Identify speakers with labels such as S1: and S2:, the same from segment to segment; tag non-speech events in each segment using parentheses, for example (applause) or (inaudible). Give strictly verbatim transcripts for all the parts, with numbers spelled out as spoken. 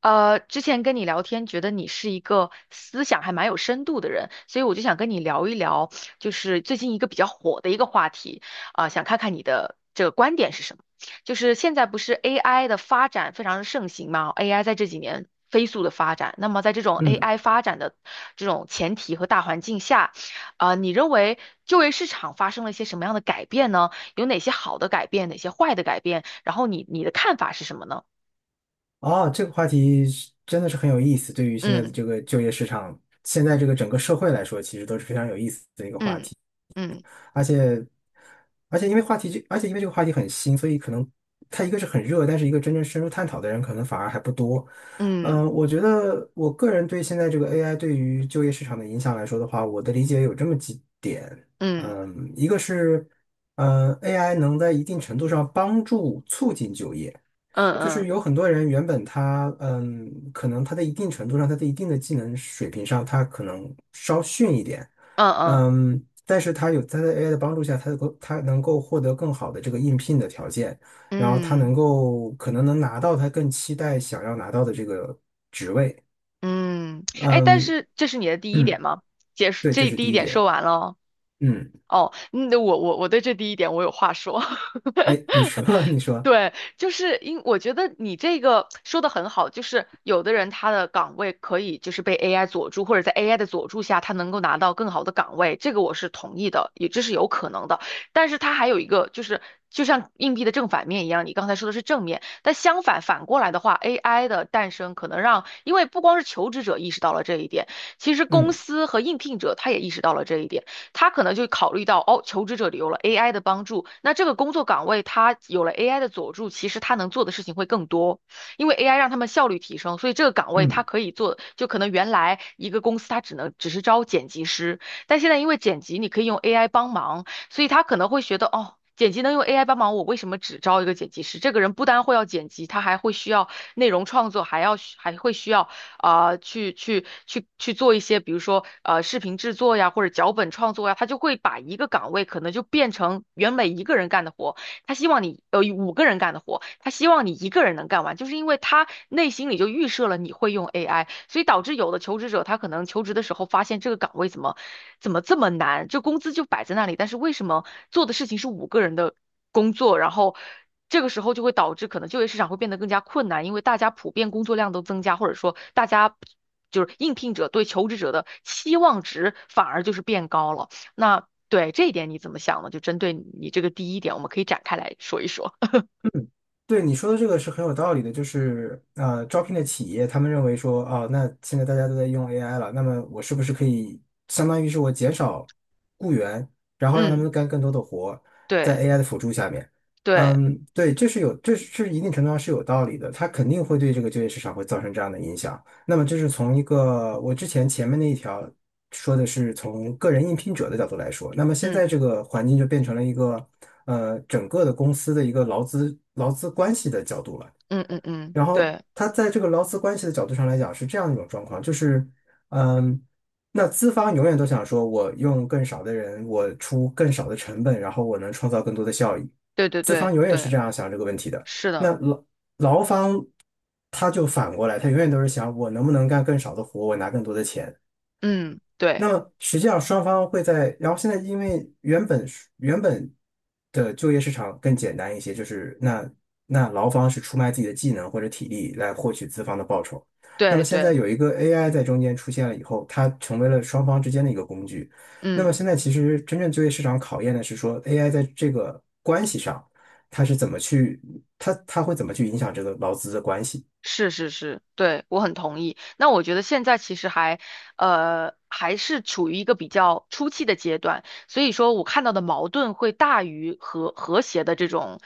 S1: 呃，之前跟你聊天，觉得你是一个思想还蛮有深度的人，所以我就想跟你聊一聊，就是最近一个比较火的一个话题，啊、想看看你的这个观点是什么。就是现在不是 A I 的发展非常的盛行嘛，A I 在这几年飞速的发展，那么在这种
S2: 嗯，
S1: A I 发展的这种前提和大环境下，啊、你认为就业市场发生了一些什么样的改变呢？有哪些好的改变，哪些坏的改变？然后你你的看法是什么呢？
S2: 哦，这个话题是真的是很有意思。对于现在的
S1: 嗯
S2: 这个就业市场，现在这个整个社会来说，其实都是非常有意思的一个话
S1: 嗯。
S2: 题。
S1: 嗯
S2: 而且，而且因为话题这，而且因为这个话题很新，所以可能它一个是很热，但是一个真正深入探讨的人可能反而还不多。
S1: 嗯
S2: 嗯，我觉得我个人对现在这个 A I 对于就业市场的影响来说的话，我的理解有这么几点。
S1: 嗯
S2: 嗯，一个是，嗯 a i 能在一定程度上帮助促进就业。
S1: 嗯
S2: 就是
S1: 嗯
S2: 有很多人原本他嗯，可能他在一定程度上，他在一定的技能水平上，他可能稍逊一点。
S1: 嗯
S2: 嗯，但是他有他在 A I 的帮助下，他能够他能够获得更好的这个应聘的条件，然后他
S1: 嗯
S2: 能
S1: 嗯，
S2: 够可能能拿到他更期待想要拿到的这个职位。
S1: 嗯，哎，但
S2: 嗯
S1: 是这是你的第一点
S2: 嗯，
S1: 吗？结束，
S2: 对，这
S1: 这
S2: 是
S1: 第一
S2: 第一
S1: 点说
S2: 点。
S1: 完了哦。
S2: 嗯，
S1: 哦，嗯，我我我对这第一点我有话说。
S2: 哎，你
S1: (laughs)
S2: 说 (laughs) 你说。
S1: 对，就是因我觉得你这个说的很好，就是有的人他的岗位可以就是被 A I 佐助，或者在 A I 的佐助下，他能够拿到更好的岗位，这个我是同意的，也这是有可能的。但是它还有一个就是，就像硬币的正反面一样，你刚才说的是正面，但相反反过来的话，A I 的诞生可能让，因为不光是求职者意识到了这一点，其实公
S2: 嗯
S1: 司和应聘者他也意识到了这一点。他可能就考虑到，哦，求职者有了 A I 的帮助，那这个工作岗位他有了 A I 的佐助，其实他能做的事情会更多，因为 A I 让他们效率提升，所以这个岗位他
S2: 嗯。
S1: 可以做，就可能原来一个公司他只能只是招剪辑师，但现在因为剪辑你可以用 A I 帮忙，所以他可能会觉得，哦。剪辑能用 A I 帮忙，我为什么只招一个剪辑师？这个人不单会要剪辑，他还会需要内容创作，还要还会需要啊、去去去去做一些，比如说呃视频制作呀，或者脚本创作呀，他就会把一个岗位可能就变成原本一个人干的活，他希望你呃五个人干的活，他希望你一个人能干完，就是因为他内心里就预设了你会用 A I，所以导致有的求职者他可能求职的时候发现这个岗位怎么怎么这么难，就工资就摆在那里，但是为什么做的事情是五个人的工作，然后这个时候就会导致可能就业市场会变得更加困难，因为大家普遍工作量都增加，或者说大家就是应聘者对求职者的期望值反而就是变高了。那对这一点你怎么想呢？就针对你这个第一点，我们可以展开来说一说。
S2: 嗯，对你说的这个是很有道理的，就是呃，招聘的企业他们认为说，啊，那现在大家都在用 A I 了，那么我是不是可以相当于是我减少雇员，然
S1: (laughs)
S2: 后让他
S1: 嗯，
S2: 们干更多的活，在
S1: 对
S2: A I 的辅助下面。
S1: 对，
S2: 嗯，对，这是有，这是一定程度上是有道理的，它肯定会对这个就业市场会造成这样的影响。那么这是从一个我之前前面那一条。说的是从个人应聘者的角度来说，那么现
S1: 嗯
S2: 在这个环境就变成了一个呃整个的公司的一个劳资劳资关系的角度了。
S1: 嗯嗯嗯，
S2: 然后
S1: 对
S2: 他在这个劳资关系的角度上来讲是这样一种状况，就是嗯，那资方永远都想说我用更少的人，我出更少的成本，然后我能创造更多的效益。
S1: 对对
S2: 资
S1: 对
S2: 方永远是
S1: 对，
S2: 这样想这个问题的。
S1: 是
S2: 那
S1: 的，
S2: 劳劳方他就反过来，他永远都是想我能不能干更少的活，我拿更多的钱。
S1: 嗯，对
S2: 那么实际上双方会在，然后现在因为原本是原本的就业市场更简单一些，就是那那劳方是出卖自己的技能或者体力来获取资方的报酬。那
S1: 对
S2: 么现在
S1: 对，
S2: 有一个 A I 在中间出现了以后，它成为了双方之间的一个工具。那么
S1: 嗯。
S2: 现在其实真正就业市场考验的是说 A I 在这个关系上，它是怎么去，它它会怎么去影响这个劳资的关系。
S1: 是是是，对，我很同意。那我觉得现在其实还，呃，还是处于一个比较初期的阶段，所以说我看到的矛盾会大于和和谐的这种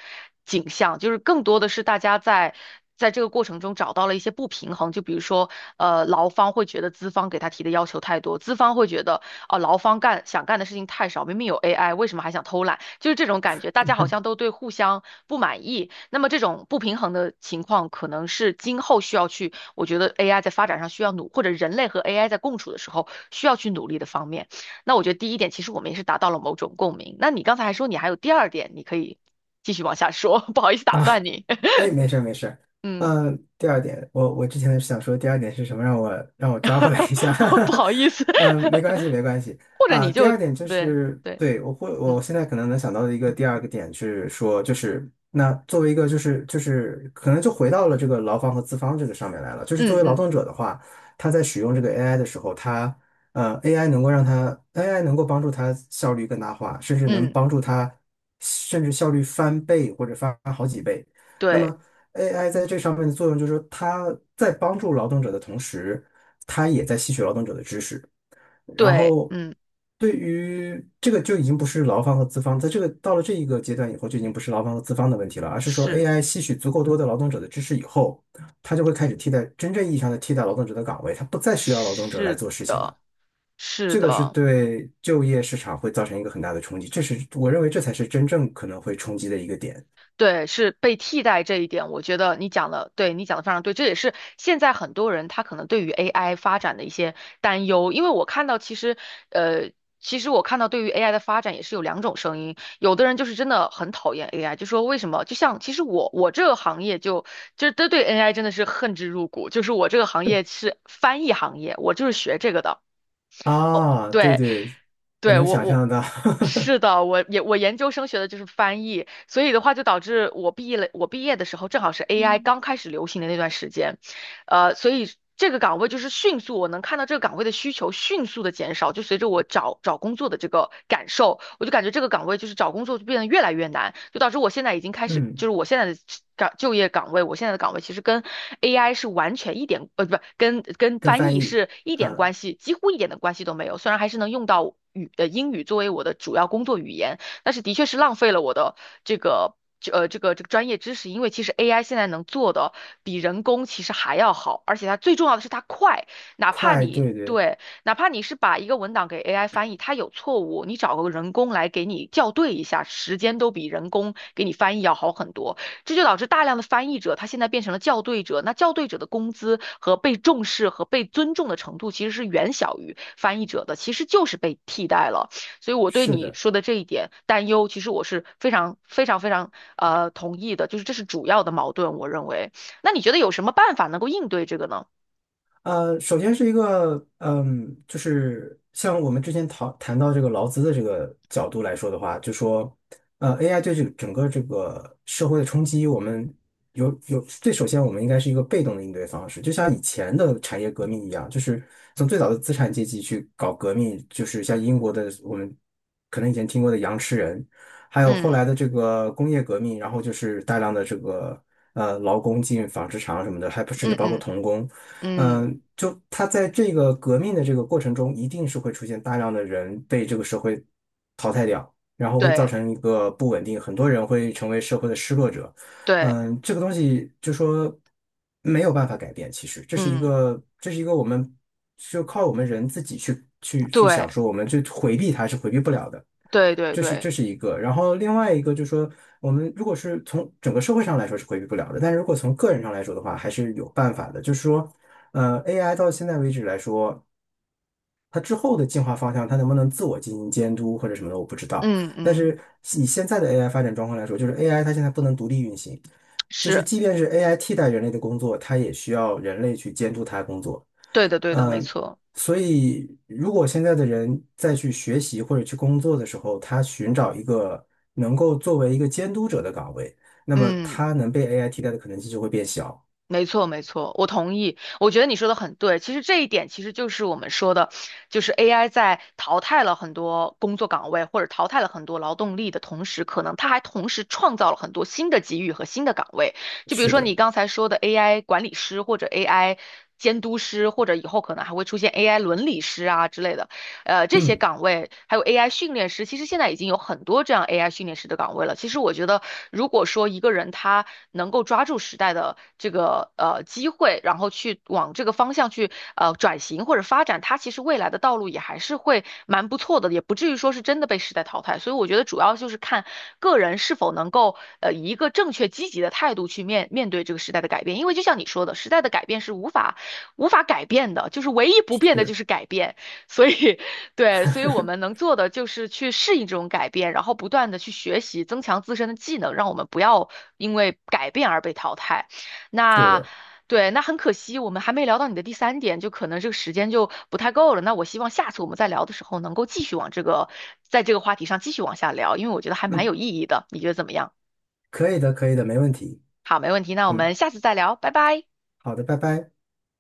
S1: 景象，就是更多的是大家在在这个过程中找到了一些不平衡，就比如说，呃，劳方会觉得资方给他提的要求太多，资方会觉得，哦，劳方干想干的事情太少，明明有 A I，为什么还想偷懒？就是这种感觉，大家好像都对互相不满意。那么这种不平衡的情况，可能是今后需要去，我觉得 A I 在发展上需要努，或者人类和 A I 在共处的时候需要去努力的方面。那我觉得第一点，其实我们也是达到了某种共鸣。那你刚才还说你还有第二点，你可以继续往下说，(laughs) 不好意思
S2: (laughs)
S1: 打
S2: 啊？
S1: 断你。(laughs)
S2: 哎，没事儿没事儿。
S1: 嗯，
S2: 嗯，第二点，我我之前想说第二点是什么，让我让我抓回来一下。
S1: (laughs) 不好意思，
S2: (laughs) 嗯，没关
S1: (laughs)
S2: 系没关系
S1: 或者
S2: 啊。
S1: 你
S2: 第
S1: 就
S2: 二点就
S1: 对
S2: 是，
S1: 对，
S2: 对，我会
S1: 嗯
S2: 我现在可能能想到的一个第二个点是说，就是那作为一个就是就是可能就回到了这个劳方和资方这个上面来了。就是作
S1: 嗯
S2: 为劳
S1: 嗯
S2: 动者的话，他在使用这个 A I 的时候，他呃 A I 能够让他 A I 能够帮助他效率更大化，甚至能
S1: 嗯，
S2: 帮助他甚至效率翻倍或者翻好几倍。那
S1: 对
S2: 么 A I 在这上面的作用就是说，它在帮助劳动者的同时，它也在吸取劳动者的知识。然
S1: 对，
S2: 后，
S1: 嗯，
S2: 对于这个就已经不是劳方和资方，在这个到了这一个阶段以后，就已经不是劳方和资方的问题了，而是说
S1: 是
S2: A I 吸取足够多的劳动者的知识以后，它就会开始替代真正意义上的替代劳动者的岗位，它不再需要劳动者来
S1: 是
S2: 做事情
S1: 的。
S2: 了。
S1: 是
S2: 这个是
S1: 的，
S2: 对就业市场会造成一个很大的冲击，这是我认为这才是真正可能会冲击的一个点。
S1: 对，是被替代这一点，我觉得你讲的，对，你讲的非常对，这也是现在很多人他可能对于 A I 发展的一些担忧，因为我看到其实，呃，其实我看到对于 A I 的发展也是有两种声音，有的人就是真的很讨厌 A I，就说为什么？就像其实我我这个行业就就是对对 A I 真的是恨之入骨，就是我这个行业是翻译行业，我就是学这个的。
S2: 啊，对
S1: 对，
S2: 对，我
S1: 对，
S2: 能
S1: 我
S2: 想象
S1: 我
S2: 到。
S1: 是的，我也我研究生学的就是翻译，所以的话就导致我毕业了，我毕业的时候正好是 A I 刚开始流行的那段时间，呃，所以这个岗位就是迅速，我能看到这个岗位的需求迅速的减少，就随着我找找工作的这个感受，我就感觉这个岗位就是找工作就变得越来越难，就导致我现在已经开
S2: (laughs)
S1: 始，就
S2: 嗯，
S1: 是我现在的岗就业岗位，我现在的岗位其实跟 A I 是完全一点，呃，不，跟跟
S2: 跟
S1: 翻
S2: 翻
S1: 译
S2: 译。
S1: 是一点
S2: 嗯，
S1: 关系，几乎一点的关系都没有，虽然还是能用到。语呃英语作为我的主要工作语言，但是的确是浪费了我的这个。呃，这个这个专业知识，因为其实 A I 现在能做的比人工其实还要好，而且它最重要的是它快，哪怕
S2: 快，
S1: 你
S2: 对对。
S1: 对，哪怕你是把一个文档给 A I 翻译，它有错误，你找个人工来给你校对一下，时间都比人工给你翻译要好很多。这就导致大量的翻译者，他现在变成了校对者。那校对者的工资和被重视和被尊重的程度，其实是远小于翻译者的，其实就是被替代了。所以我对
S2: 是
S1: 你
S2: 的。
S1: 说的这一点担忧，其实我是非常非常非常呃同意的，就是这是主要的矛盾，我认为。那你觉得有什么办法能够应对这个呢？
S2: 呃，首先是一个，嗯，就是像我们之前讨谈到这个劳资的这个角度来说的话，就说，呃，A I 对这个整个这个社会的冲击，我们有有最首先我们应该是一个被动的应对方式，就像以前的产业革命一样，就是从最早的资产阶级去搞革命，就是像英国的我们可能以前听过的羊吃人，还有后
S1: 嗯
S2: 来的这个工业革命，然后就是大量的这个呃劳工进纺织厂什么的，还不甚
S1: 嗯
S2: 至包括
S1: 嗯
S2: 童工。
S1: 嗯，
S2: 嗯，就他在这个革命的这个过程中，一定是会出现大量的人被这个社会淘汰掉，然后会造
S1: 对
S2: 成一个不稳定，很多人会成为社会的失落者。
S1: 对，
S2: 嗯，这个东西就说没有办法改变，其实这是一
S1: 嗯
S2: 个，这是一个我们就靠我们人自己去去去
S1: 对
S2: 想说，我们去回避它是回避不了的。
S1: 对对
S2: 这是
S1: 对，
S2: 这是一个，然后另外一个就是说，我们如果是从整个社会上来说是回避不了的，但是如果从个人上来说的话，还是有办法的。就是说，呃，A I 到现在为止来说，它之后的进化方向，它能不能自我进行监督或者什么的，我不知道。
S1: 嗯
S2: 但
S1: 嗯，
S2: 是以现在的 A I 发展状况来说，就是 A I 它现在不能独立运行，就是
S1: 是
S2: 即便是 A I 替代人类的工作，它也需要人类去监督它的工作。
S1: 对的对的，
S2: 嗯，
S1: 没
S2: 呃
S1: 错，
S2: 所以如果现在的人再去学习或者去工作的时候，他寻找一个能够作为一个监督者的岗位，那么
S1: 嗯。
S2: 他能被 A I 替代的可能性就会变小。
S1: 没错，没错，我同意。我觉得你说的很对。其实这一点其实就是我们说的，就是 A I 在淘汰了很多工作岗位或者淘汰了很多劳动力的同时，可能它还同时创造了很多新的机遇和新的岗位。就比如
S2: 是
S1: 说你
S2: 的，
S1: 刚才说的 A I 管理师或者 A I 监督师，或者以后可能还会出现 AI 伦理师啊之类的。呃，这些
S2: 嗯，
S1: 岗位还有 A I 训练师，其实现在已经有很多这样 A I 训练师的岗位了。其实我觉得，如果说一个人他能够抓住时代的这个呃机会，然后去往这个方向去呃转型或者发展，他其实未来的道路也还是会蛮不错的，也不至于说是真的被时代淘汰。所以我觉得主要就是看个人是否能够呃以一个正确积极的态度去面面对这个时代的改变，因为就像你说的，时代的改变是无法无法改变的，就是唯一不变的就
S2: 是。
S1: 是改变。所以对，所以我
S2: (laughs)
S1: 们能做的就是去适应这种改变，然后不断的去学习，增强自身的技能，让我们不要因为改变而被淘汰。
S2: 是
S1: 那
S2: 的，
S1: 对，那很可惜，我们还没聊到你的第三点，就可能这个时间就不太够了。那我希望下次我们再聊的时候，能够继续往这个，在这个话题上继续往下聊，因为我觉得还蛮
S2: 嗯，
S1: 有意义的。你觉得怎么样？
S2: 可以的，可以的，没问题。
S1: 好，没问题，那我
S2: 嗯，
S1: 们下次再聊，拜拜。
S2: 好的，拜拜。